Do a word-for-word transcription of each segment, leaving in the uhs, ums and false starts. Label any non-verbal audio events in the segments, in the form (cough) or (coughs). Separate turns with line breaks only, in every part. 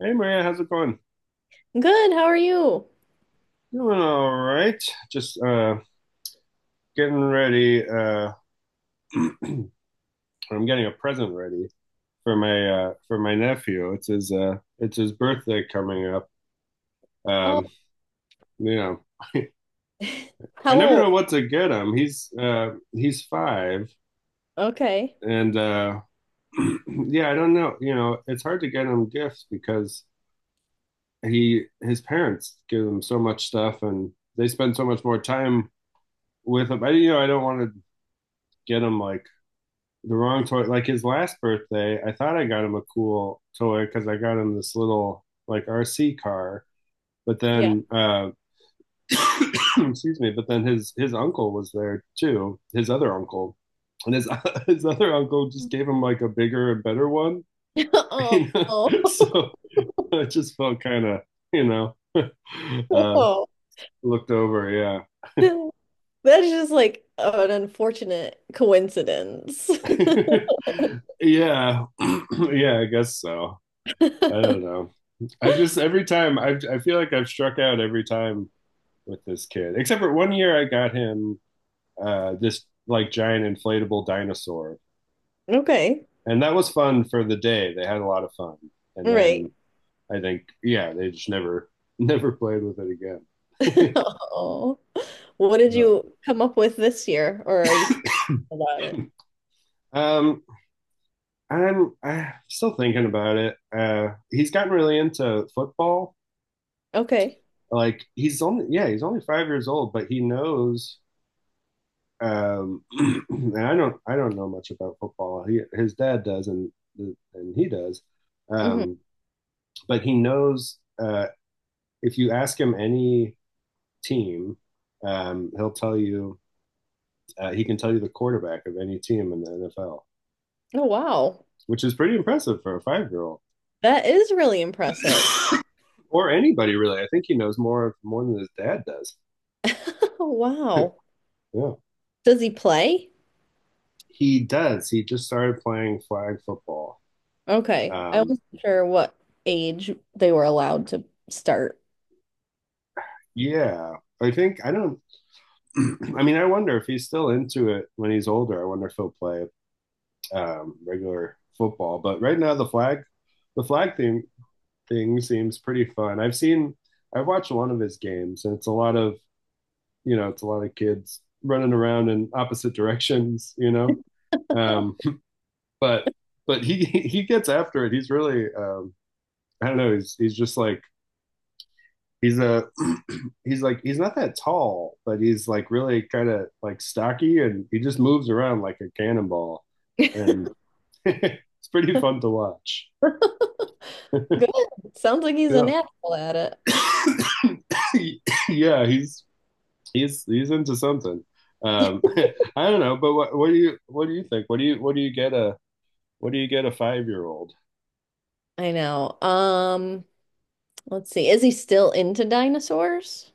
Hey Maria, how's it going?
Good. How are you?
Doing all right. Just uh getting ready. Uh I'm getting a present ready for my uh for my nephew. It's his uh it's his birthday coming up.
Oh,
Um, you know, (laughs)
(laughs)
I
how
never
old?
know what to get him. He's uh he's five
Okay.
and uh (clears throat) yeah, I don't know. You know, it's hard to get him gifts because he his parents give him so much stuff, and they spend so much more time with him. I you know, I don't want to get him like the wrong toy. Like his last birthday, I thought I got him a cool toy because I got him this little like R C car. But
Yeah.
then, uh, (clears throat) excuse me. But then his his uncle was there too. His other uncle, and his (laughs) his other uncle just gave him like a bigger and better one.
(laughs)
(laughs)
Oh.
You know,
Oh.
so
(laughs)
it just felt kind of you know (laughs) uh,
Whoa.
looked over. Yeah,
That's just like an unfortunate coincidence.
(laughs) yeah, (clears throat) yeah. I guess so. I don't
(laughs)
know. I've just every time I've I feel like I've struck out every time with this kid. Except for one year I got him uh this like giant inflatable dinosaur.
Okay.
And that was fun for the day. They had a lot of fun. And
Right.
then I think yeah, they just never (laughs) never played with it
(laughs)
again. (laughs)
Oh. What did
Oh.
you come up with this year, or are you still thinking about it?
Um I'm I'm still thinking about it. Uh he's gotten really into football.
Okay.
Like he's only yeah, he's only five years old, but he knows um, (clears throat) and I don't I don't know much about football. He, his dad does, and and he does,
Hmm.
um, but he knows uh, if you ask him any team, um, he'll tell you uh, he can tell you the quarterback of any team in the N F L,
Oh, wow.
which is pretty impressive for a five year old.
That is really impressive.
(laughs) Or anybody really. I think he knows more more than his dad does.
(laughs) Wow.
Yeah,
Does he play?
he does. He just started playing flag football.
Okay. I
Um,
wasn't sure what age they were allowed to start.
yeah, I think I don't (clears throat) I mean, I wonder if he's still into it when he's older. I wonder if he'll play um, regular football. But right now, the flag, the flag thing thing seems pretty fun. I've seen, I've watched one of his games, and it's a lot of you know, it's a lot of kids running around in opposite (laughs) directions, you know. Um, but but he (laughs) he gets after it. He's really um, I don't know. He's he's just like He's a (clears throat) he's like he's not that tall, but he's like really kind of like stocky, and he just moves around like a cannonball,
(laughs) Good.
and (laughs) it's pretty fun to watch.
Sounds like he's a
Yeah,
natural at it.
(coughs) yeah, he's he's he's into something. Um, (laughs) I don't know, but what what do you what do you think? What do you what do you get a what do you get a five year old?
I know. Um, let's see. Is he still into dinosaurs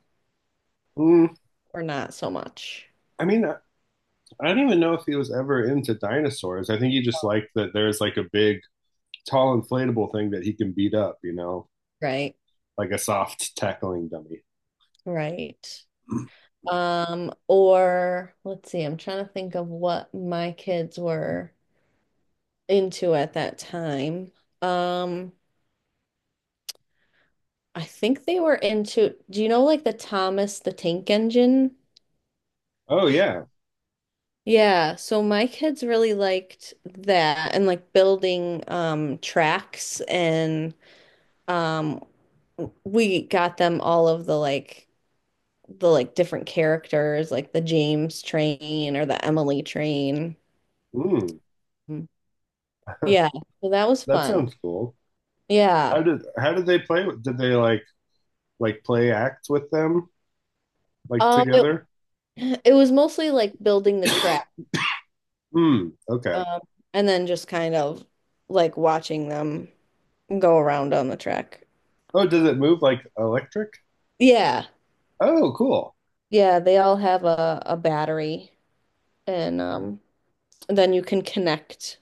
Mm,
or not so much?
I mean, I, I don't even know if he was ever into dinosaurs. I think he just liked that there's like a big, tall, inflatable thing that he can beat up, you know?
Right.
Like a soft tackling dummy.
Right.
(clears throat)
Um, or let's see. I'm trying to think of what my kids were into at that time. Um, I think they were into, do you know like the Thomas the Tank Engine?
Oh yeah.
Yeah, so my kids really liked that and like building um tracks and um we got them all of the like the like different characters like the James train or the Emily train.
Mm.
Mm.
(laughs)
Yeah, so that was
That
fun.
sounds cool.
Yeah.
How did how did they play with? Did they like like play act with them like
Um it,
together?
(clears throat) it was mostly like building the track
(clears throat) Hmm. Okay.
um and then just kind of like watching them go around on the track.
Oh, does it move like electric?
Yeah.
Oh, cool.
Yeah, they all have a a battery. And um, then you can connect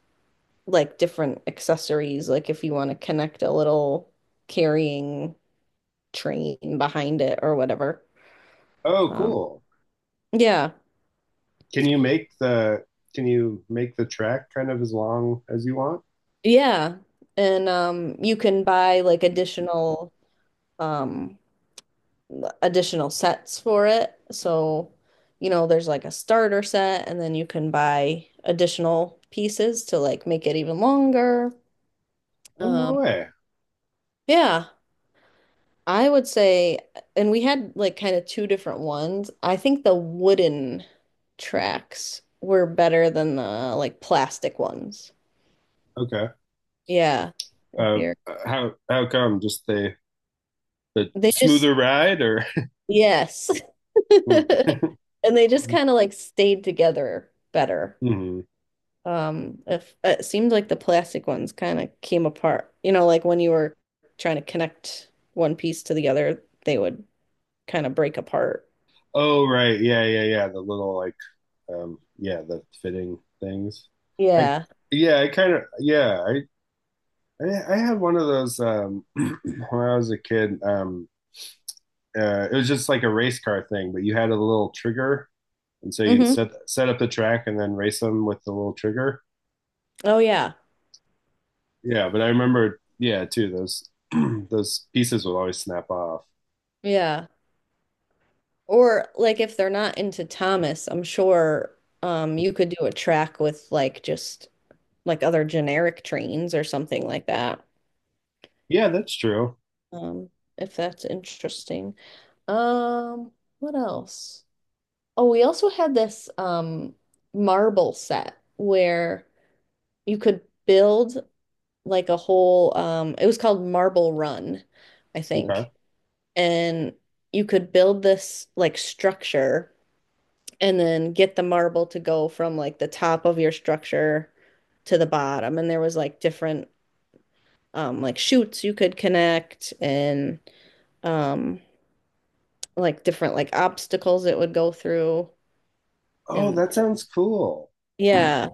like different accessories, like if you want to connect a little carrying train behind it or whatever.
Oh,
Um,
cool.
yeah,
Can you make the can you make the track kind of as long as you want?
yeah. And um, you can buy like additional um, additional sets for it. So, you know, there's like a starter set, and then you can buy additional pieces to like make it even longer.
Oh no
Um,
way.
yeah. I would say, and we had like kind of two different ones. I think the wooden tracks were better than the like plastic ones.
Okay.
Yeah. If
Uh,
you're,
how how come? Just the the
they just,
smoother ride or?
yes. (laughs)
(laughs) Hmm.
And they just kind of like stayed together better.
Mm-hmm.
Um, if it seemed like the plastic ones kind of came apart, you know, like when you were trying to connect one piece to the other, they would kind of break apart.
Oh right. Yeah, yeah, yeah. The little like um yeah, the fitting things. I
Yeah.
yeah, I kind of yeah, I I I had one of those um (clears throat) when I was a kid. Um uh it was just like a race car thing, but you had a little trigger, and so you'd
Hmm.
set set up the track and then race them with the little trigger.
Oh, yeah.
Yeah, but I remember, yeah, too, those (clears throat) those pieces would always snap off.
Yeah. Or like if they're not into Thomas, I'm sure um you could do a track with like just like other generic trains or something like that.
Yeah, that's true.
Um if that's interesting. Um what else? Oh, we also had this um marble set where you could build like a whole um it was called Marble Run, I
Okay.
think. And you could build this like structure and then get the marble to go from like the top of your structure to the bottom. And there was like different um like chutes you could connect and um like different like obstacles it would go through.
Oh,
And
that sounds cool.
yeah,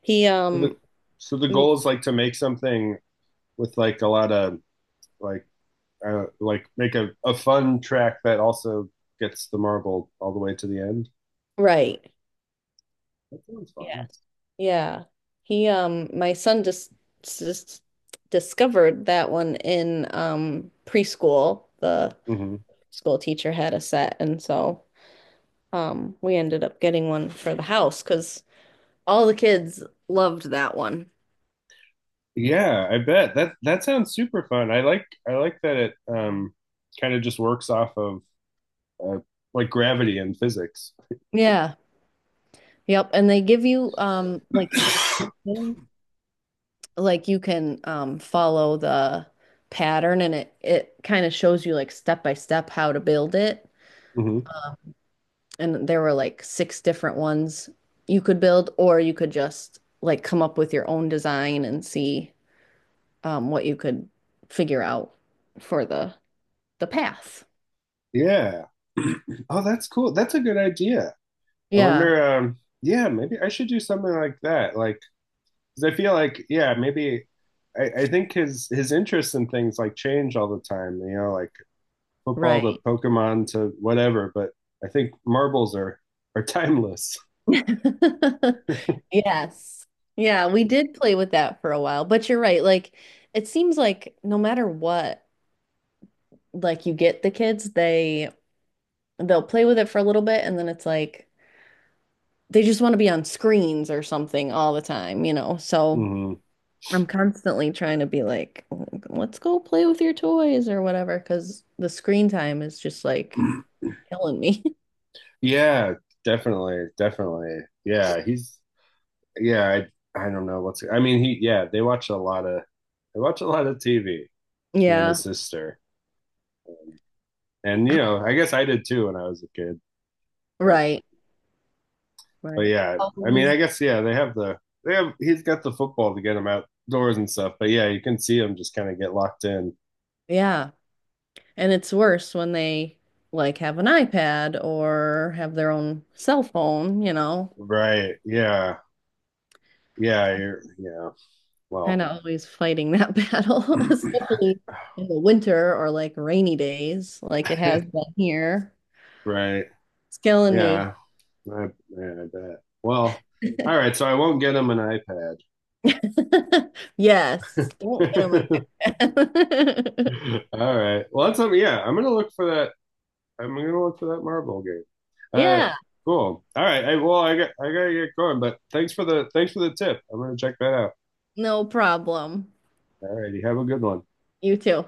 he
So the
um
so the goal is like to make something with like a lot of like uh, like make a, a fun track that also gets the marble all the way to the end.
right.
That sounds fun.
Yes. Yeah. He um my son just just discovered that one in um preschool. The
Hmm.
school teacher had a set and so um, we ended up getting one for the house because all the kids loved that one.
Yeah, I bet that that sounds super fun. I like I like that it um kind of just works off of uh, like gravity and physics.
Yeah. Yep. And they give you um like
(coughs)
suggestions. Like you can um follow the pattern and it it kind of shows you like step by step how to build it.
Mhm.
And there were like six different ones you could build or you could just like come up with your own design and see um what you could figure out for the the path.
Yeah. (clears throat) Oh, that's cool. That's a good idea. I
Yeah,
wonder, um, yeah, maybe I should do something like that. Like, 'cause I feel like, yeah, maybe I, I think his his interests in things like change all the time, you know, like football to
right.
Pokemon to whatever, but I think marbles are are (laughs) timeless.
(laughs) Yes. Yeah, we did play with that for a while, but you're right. Like it seems like no matter what, like you get the kids, they they'll play with it for a little bit and then it's like they just want to be on screens or something all the time, you know. So
Hmm.
I'm constantly trying to be like, let's go play with your toys or whatever, because the screen time is just like
(clears throat)
killing me. (laughs)
Yeah, definitely, definitely. Yeah, he's yeah, I I don't know what's I mean, he yeah, they watch a lot of they watch a lot of T V, he and
Yeah.
his sister. And you know, I guess I did too when I was a kid. But
Right.
but
Right.
yeah,
How old
I mean,
is
I guess yeah, they have the they have he's got the football to get him outdoors and stuff. But yeah, you can see him just kind of get locked in.
yeah. And it's worse when they like have an iPad or have their own cell phone, you know,
Right? Yeah, yeah, you're yeah. Well,
kind of always fighting that (laughs) battle, especially in the winter or like rainy days, like it has
(laughs)
been here.
right?
It's killing me.
Yeah, I, yeah, I bet. Well, all right. So I won't get him an iPad.
(laughs) Yes, don't get them an
(laughs)
iPad. (laughs)
All right. Well, that's something. Yeah, I'm gonna look for that I'm gonna look for that Marvel game. Uh,
Yeah,
cool. All right. Hey, well, I got I gotta get going, but thanks for the thanks for the tip. I'm gonna check that out.
no problem.
All righty. Have a good one.
You too.